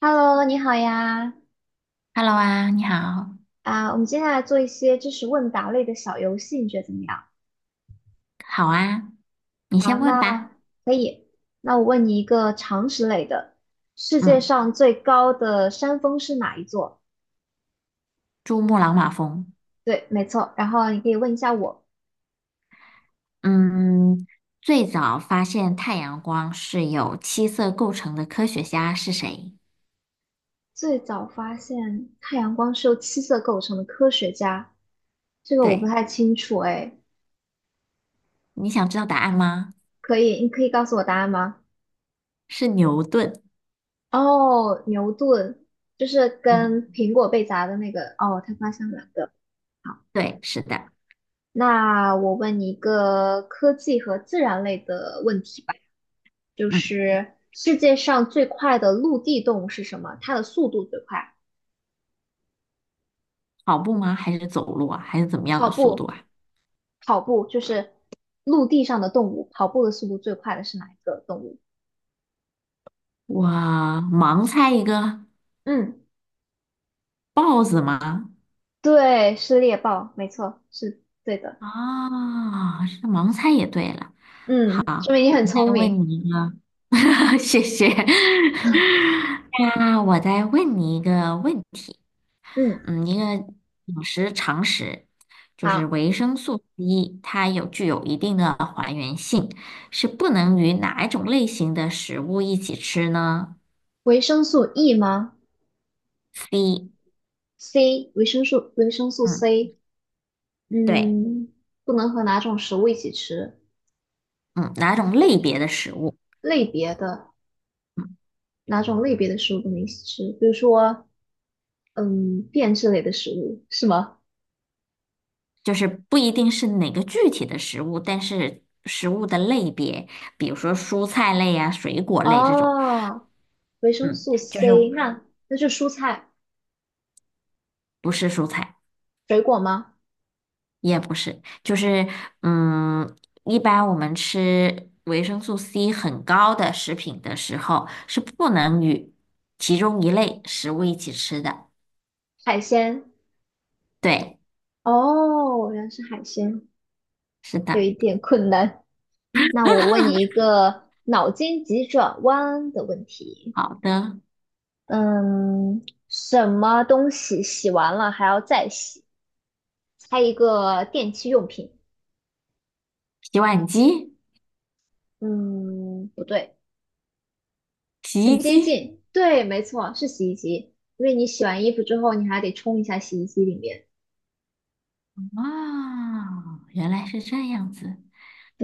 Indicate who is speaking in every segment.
Speaker 1: Hello，你好呀！
Speaker 2: Hello 啊，你好，
Speaker 1: 啊，我们接下来做一些知识问答类的小游戏，你觉得怎么样？
Speaker 2: 好啊，你
Speaker 1: 好，
Speaker 2: 先问
Speaker 1: 那
Speaker 2: 吧。
Speaker 1: 可以。那我问你一个常识类的：世界
Speaker 2: 嗯，
Speaker 1: 上最高的山峰是哪一座？
Speaker 2: 珠穆朗玛峰。
Speaker 1: 对，没错。然后你可以问一下我，
Speaker 2: 嗯，最早发现太阳光是由七色构成的科学家是谁？
Speaker 1: 最早发现太阳光是由七色构成的科学家，这个我不
Speaker 2: 对，
Speaker 1: 太清楚哎。
Speaker 2: 你想知道答案吗？
Speaker 1: 可以，你可以告诉我答案吗？
Speaker 2: 是牛顿。
Speaker 1: 哦，牛顿，就是
Speaker 2: 嗯，
Speaker 1: 跟苹果被砸的那个。哦，他发现了。
Speaker 2: 对，是的。
Speaker 1: 那我问你一个科技和自然类的问题吧，就
Speaker 2: 嗯，
Speaker 1: 是世界上最快的陆地动物是什么？它的速度最快？
Speaker 2: 跑步吗？还是走路啊？还是怎么样
Speaker 1: 跑
Speaker 2: 的速度
Speaker 1: 步，
Speaker 2: 啊？
Speaker 1: 跑步就是陆地上的动物，跑步的速度最快的是哪一个动物？
Speaker 2: 哇，盲猜一个，
Speaker 1: 嗯，
Speaker 2: 豹子吗？
Speaker 1: 对，是猎豹，没错，是对的。
Speaker 2: 啊、这盲猜也对了。
Speaker 1: 嗯，说明你很聪
Speaker 2: 再问
Speaker 1: 明。
Speaker 2: 你一个，谢谢。那我再问你一个问题，
Speaker 1: 嗯，
Speaker 2: 一个饮食常识，就是
Speaker 1: 好，
Speaker 2: 维生素 C，它有具有一定的还原性，是不能与哪一种类型的食物一起吃呢
Speaker 1: 维生素 E 吗
Speaker 2: ？C，
Speaker 1: ？C,维生素
Speaker 2: 嗯，
Speaker 1: C,
Speaker 2: 对，
Speaker 1: 嗯，不能和哪种食物一起吃？
Speaker 2: 嗯，哪种类别的食物？
Speaker 1: 类别的
Speaker 2: 嗯，
Speaker 1: 哪种类别的食物不能一起吃？比如说，嗯，变质类的食物是吗？
Speaker 2: 就是不一定是哪个具体的食物，但是食物的类别，比如说蔬菜类啊、水果类这种，
Speaker 1: 哦，维生
Speaker 2: 嗯，
Speaker 1: 素
Speaker 2: 就是
Speaker 1: C,那是蔬菜、
Speaker 2: 不是蔬菜。
Speaker 1: 水果吗？
Speaker 2: 也不是，就是嗯，一般我们吃维生素 C 很高的食品的时候，是不能与其中一类食物一起吃的。
Speaker 1: 海鲜？
Speaker 2: 对，
Speaker 1: 哦，原来是海鲜，
Speaker 2: 是
Speaker 1: 有
Speaker 2: 的，
Speaker 1: 一点困难。那我问你一个脑筋急转弯的问题，
Speaker 2: 好的。
Speaker 1: 嗯，什么东西洗完了还要再洗？猜一个电器用品。
Speaker 2: 洗碗机、
Speaker 1: 嗯，不对。
Speaker 2: 洗
Speaker 1: 很
Speaker 2: 衣
Speaker 1: 接
Speaker 2: 机，
Speaker 1: 近，对，没错，是洗衣机，因为你洗完衣服之后，你还得冲一下洗衣机里面。
Speaker 2: 哇，原来是这样子。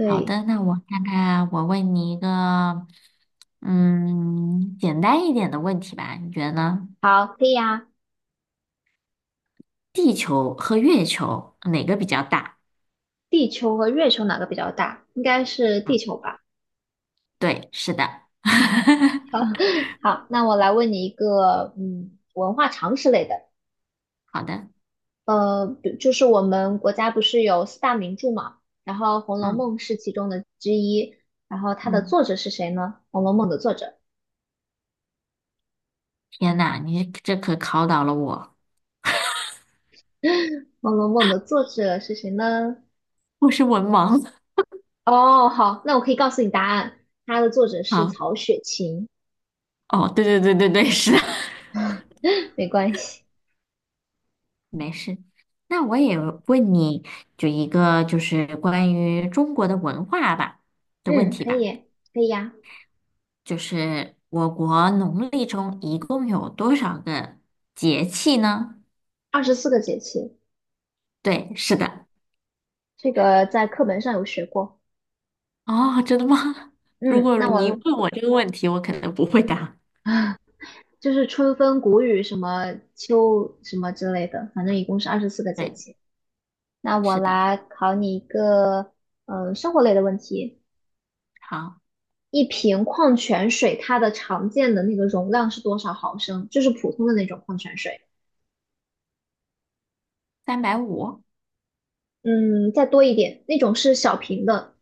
Speaker 2: 好的，那我看看，我问你一个，简单一点的问题吧，你觉得呢？
Speaker 1: 好，可以啊。
Speaker 2: 地球和月球哪个比较大？
Speaker 1: 地球和月球哪个比较大？应该是地
Speaker 2: 嗯，
Speaker 1: 球吧。
Speaker 2: 对，是的。
Speaker 1: 好，好，那我来问你一个，嗯，文化常识类的，
Speaker 2: 好的，
Speaker 1: 就是我们国家不是有四大名著嘛，然后《红楼
Speaker 2: 嗯
Speaker 1: 梦》是其中的之一，然后它的
Speaker 2: 嗯，
Speaker 1: 作者是谁呢？《红楼梦》的作者，
Speaker 2: 天呐，你这可考倒了我，
Speaker 1: 《红楼梦》的作者是谁呢？
Speaker 2: 我是文盲。
Speaker 1: 哦，好，那我可以告诉你答案，它的作者 是
Speaker 2: 好，
Speaker 1: 曹雪芹，
Speaker 2: 哦，对对对对对，是的，
Speaker 1: 没关系。
Speaker 2: 没事。那我也问你，就一个就是关于中国的文化吧的问
Speaker 1: 嗯，
Speaker 2: 题
Speaker 1: 可
Speaker 2: 吧，
Speaker 1: 以，可以呀、
Speaker 2: 就是我国农历中一共有多少个节气呢？
Speaker 1: 二十四个节气，
Speaker 2: 对，是的。
Speaker 1: 这个在课本上有学过。
Speaker 2: 哦，真的吗？如
Speaker 1: 嗯，
Speaker 2: 果
Speaker 1: 那
Speaker 2: 你
Speaker 1: 我
Speaker 2: 问我这个问题，我可能不会答。
Speaker 1: 就是春分、谷雨什么秋什么之类的，反正一共是二十四个节
Speaker 2: 对，
Speaker 1: 气。那我
Speaker 2: 是的。
Speaker 1: 来考你一个，生活类的问题。
Speaker 2: 好，
Speaker 1: 一瓶矿泉水它的常见的那个容量是多少毫升？就是普通的那种矿泉水。
Speaker 2: 350，
Speaker 1: 嗯，再多一点，那种是小瓶的，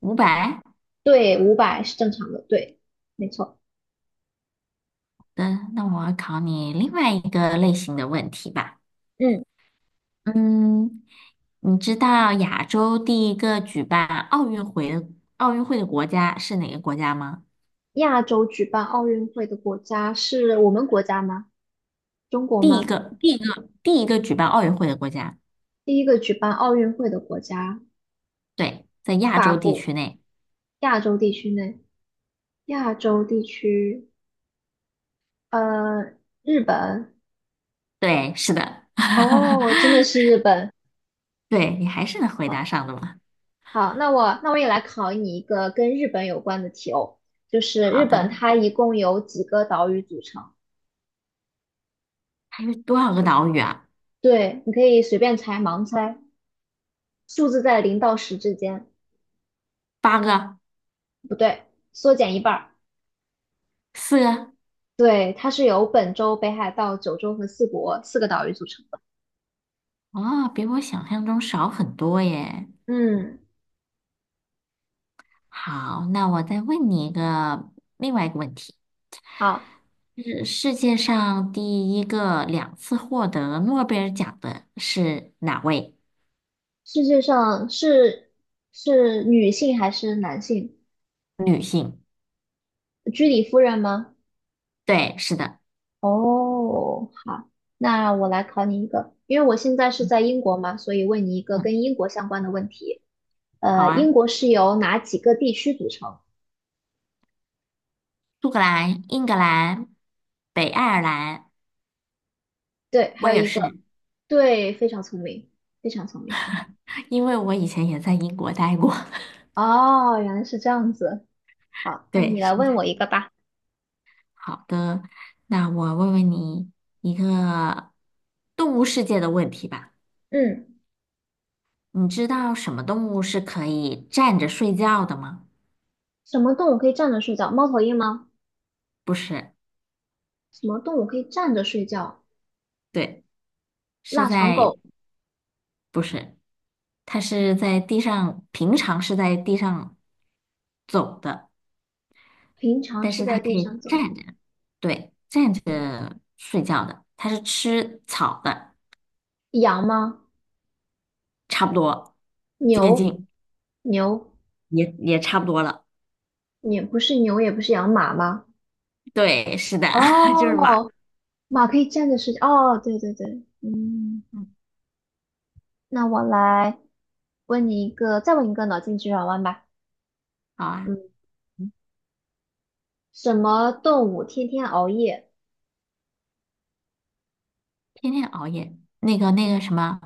Speaker 2: 500。
Speaker 1: 对，500是正常的，对，没错。
Speaker 2: 的，那我要考你另外一个类型的问题吧。
Speaker 1: 嗯，
Speaker 2: 嗯，你知道亚洲第一个举办奥运会的奥运会的国家是哪个国家吗？
Speaker 1: 亚洲举办奥运会的国家是我们国家吗？中国
Speaker 2: 第一
Speaker 1: 吗？
Speaker 2: 个，第一个，第一个举办奥运会的国家，
Speaker 1: 第一个举办奥运会的国家，
Speaker 2: 对，在亚
Speaker 1: 法
Speaker 2: 洲地
Speaker 1: 国，
Speaker 2: 区内，
Speaker 1: 亚洲地区内，亚洲地区，呃，日本。
Speaker 2: 对，是的，
Speaker 1: 哦，真 的是日本。
Speaker 2: 对，你还是能回答
Speaker 1: 好，
Speaker 2: 上的嘛？
Speaker 1: 好,那我也来考你一个跟日本有关的题哦，就是日
Speaker 2: 好
Speaker 1: 本
Speaker 2: 的，
Speaker 1: 它一共有几个岛屿组成？
Speaker 2: 还有多少个岛屿啊？
Speaker 1: 对，你可以随便猜，盲猜，数字在0到10之间。
Speaker 2: 8个，
Speaker 1: 不对，缩减一半儿。
Speaker 2: 4个，
Speaker 1: 对，它是由本州、北海道、九州和四国四个岛屿组成的。
Speaker 2: 哦，比我想象中少很多耶。
Speaker 1: 嗯，
Speaker 2: 好，那我再问你一个另外一个问题。
Speaker 1: 好，
Speaker 2: 是世界上第一个两次获得诺贝尔奖的是哪位
Speaker 1: 世界上是是女性还是男性？
Speaker 2: 女性？
Speaker 1: 居里夫人吗？
Speaker 2: 对，是的，
Speaker 1: 哦，好，那我来考你一个，因为我现在是在英国嘛，所以问你一个
Speaker 2: 嗯，
Speaker 1: 跟英国相关的问题。
Speaker 2: 好
Speaker 1: 英
Speaker 2: 啊，
Speaker 1: 国是由哪几个地区组成？
Speaker 2: 苏格兰、英格兰、北爱尔兰，
Speaker 1: 对，
Speaker 2: 我
Speaker 1: 还有
Speaker 2: 也
Speaker 1: 一
Speaker 2: 是，
Speaker 1: 个，对，非常聪明，非常聪明。
Speaker 2: 因为我以前也在英国待过。
Speaker 1: 哦，原来是这样子。好，那
Speaker 2: 对，
Speaker 1: 你来
Speaker 2: 是
Speaker 1: 问
Speaker 2: 的。
Speaker 1: 我一个吧。
Speaker 2: 好的，那我问问你一个动物世界的问题吧。
Speaker 1: 嗯，
Speaker 2: 你知道什么动物是可以站着睡觉的吗？
Speaker 1: 什么动物可以站着睡觉？猫头鹰吗？
Speaker 2: 不是，
Speaker 1: 什么动物可以站着睡觉？
Speaker 2: 对，是
Speaker 1: 腊肠
Speaker 2: 在，
Speaker 1: 狗
Speaker 2: 不是。它是在地上，平常是在地上走的，
Speaker 1: 平常
Speaker 2: 但
Speaker 1: 是
Speaker 2: 是
Speaker 1: 在
Speaker 2: 它可
Speaker 1: 地
Speaker 2: 以
Speaker 1: 上走。
Speaker 2: 站着，对，站着睡觉的。它是吃草的，
Speaker 1: 羊吗？
Speaker 2: 差不多，接
Speaker 1: 牛？
Speaker 2: 近，
Speaker 1: 牛？
Speaker 2: 也差不多了。
Speaker 1: 也不是牛，也不是羊，马吗？
Speaker 2: 对，是的，就是马。
Speaker 1: 哦，马可以站着睡觉。哦，对对对，嗯，
Speaker 2: 嗯，
Speaker 1: 那我来问你一个，再问一个脑筋急转弯吧。
Speaker 2: 好啊，
Speaker 1: 嗯，什么动物天天熬夜？
Speaker 2: 天天熬夜，那个什么，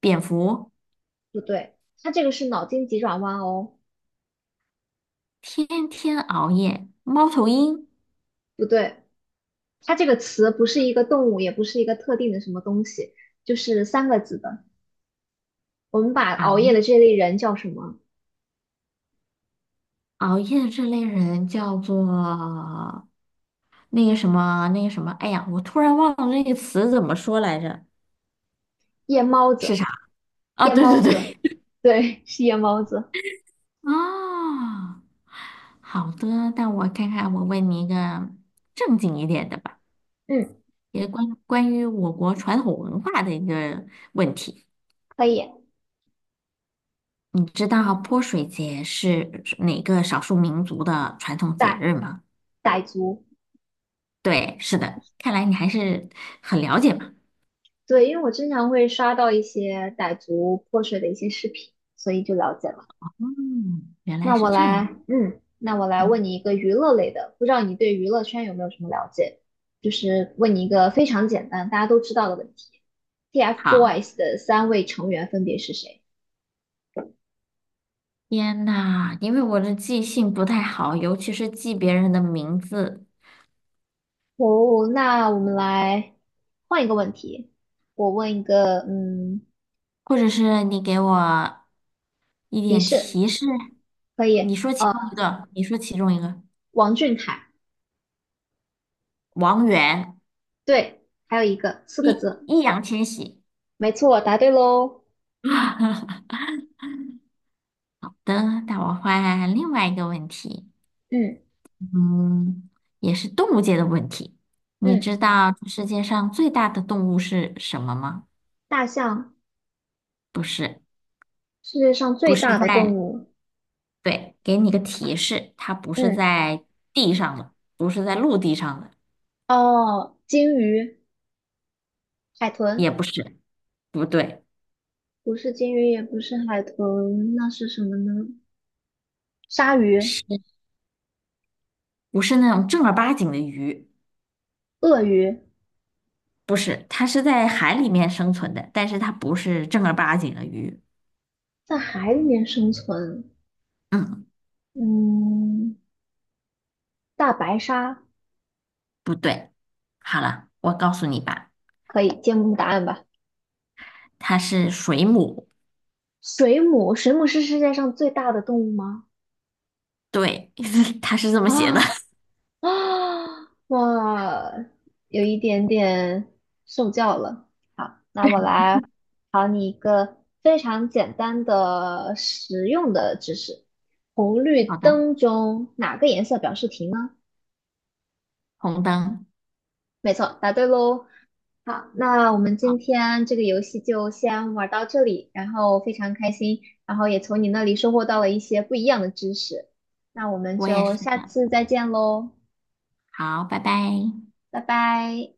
Speaker 2: 蝙蝠，
Speaker 1: 不对，它这个是脑筋急转弯哦，
Speaker 2: 天天熬夜，猫头鹰
Speaker 1: 不对。它这个词不是一个动物，也不是一个特定的什么东西，就是三个字的。我们把
Speaker 2: 啊，
Speaker 1: 熬夜的这类人叫什么？
Speaker 2: 熬夜这类人叫做那个什么那个什么，哎呀，我突然忘了那个词怎么说来着，
Speaker 1: 夜猫
Speaker 2: 是
Speaker 1: 子，
Speaker 2: 啥？啊，
Speaker 1: 夜
Speaker 2: 对对
Speaker 1: 猫子，
Speaker 2: 对，
Speaker 1: 对，是夜猫子。
Speaker 2: 啊，好的，那我看看，我问你一个正经一点的吧，
Speaker 1: 嗯，
Speaker 2: 也关于我国传统文化的一个问题。
Speaker 1: 可以，
Speaker 2: 你知道泼水节是哪个少数民族的传统节
Speaker 1: 傣
Speaker 2: 日吗？
Speaker 1: 傣族，
Speaker 2: 对，是的，看来你还是很了解嘛。
Speaker 1: 对，因为我经常会刷到一些傣族泼水的一些视频，所以就了解了。
Speaker 2: 嗯，原来
Speaker 1: 那
Speaker 2: 是
Speaker 1: 我
Speaker 2: 这
Speaker 1: 来，
Speaker 2: 样。
Speaker 1: 嗯，那我来
Speaker 2: 嗯，
Speaker 1: 问你一个娱乐类的，不知道你对娱乐圈有没有什么了解？就是问你一个非常简单，大家都知道的问题
Speaker 2: 好。
Speaker 1: ，TFBOYS 的三位成员分别是谁？
Speaker 2: 天呐，因为我的记性不太好，尤其是记别人的名字，
Speaker 1: 哦，那我们来换一个问题，我问一个，嗯，
Speaker 2: 或者是你给我一
Speaker 1: 提
Speaker 2: 点
Speaker 1: 示
Speaker 2: 提示。
Speaker 1: 可以，
Speaker 2: 你说其中一个，
Speaker 1: 王俊凯，
Speaker 2: 王源，
Speaker 1: 对，还有一个四个
Speaker 2: 易
Speaker 1: 字，
Speaker 2: 易烊千玺。
Speaker 1: 没错，答对喽，
Speaker 2: 等，那我换另外一个问题，
Speaker 1: 嗯
Speaker 2: 嗯，也是动物界的问题。你
Speaker 1: 嗯，
Speaker 2: 知道世界上最大的动物是什么吗？
Speaker 1: 大象，
Speaker 2: 不是，
Speaker 1: 世界上
Speaker 2: 不
Speaker 1: 最
Speaker 2: 是
Speaker 1: 大的动
Speaker 2: 在
Speaker 1: 物，
Speaker 2: 对，给你个提示，它不是
Speaker 1: 嗯，
Speaker 2: 在地上的，不是在陆地上的，
Speaker 1: 哦，鲸鱼。海
Speaker 2: 也
Speaker 1: 豚
Speaker 2: 不是，不对，
Speaker 1: 不是鲸鱼，也不是海豚，那是什么呢？鲨鱼、
Speaker 2: 是不是那种正儿八经的鱼？
Speaker 1: 鳄鱼
Speaker 2: 不是，它是在海里面生存的，但是它不是正儿八经的鱼。
Speaker 1: 在海里面生存。
Speaker 2: 嗯，
Speaker 1: 嗯，大白鲨
Speaker 2: 不对。好了，我告诉你吧，
Speaker 1: 可以揭幕答案吧？
Speaker 2: 它是水母。
Speaker 1: 水母，水母是世界上最大的动物吗？
Speaker 2: 对，它是这么写的。
Speaker 1: 啊、啊，哇，有一点点受教了。好，那我来考你一个非常简单的实用的知识：红绿
Speaker 2: 好的，
Speaker 1: 灯中哪个颜色表示停呢？
Speaker 2: 红灯。
Speaker 1: 没错，答对喽。好，那我们今
Speaker 2: 好，
Speaker 1: 天这个游戏就先玩到这里，然后非常开心，然后也从你那里收获到了一些不一样的知识。那我们
Speaker 2: 我也
Speaker 1: 就
Speaker 2: 是
Speaker 1: 下
Speaker 2: 的。
Speaker 1: 次再见喽，
Speaker 2: 好，拜拜。
Speaker 1: 拜拜。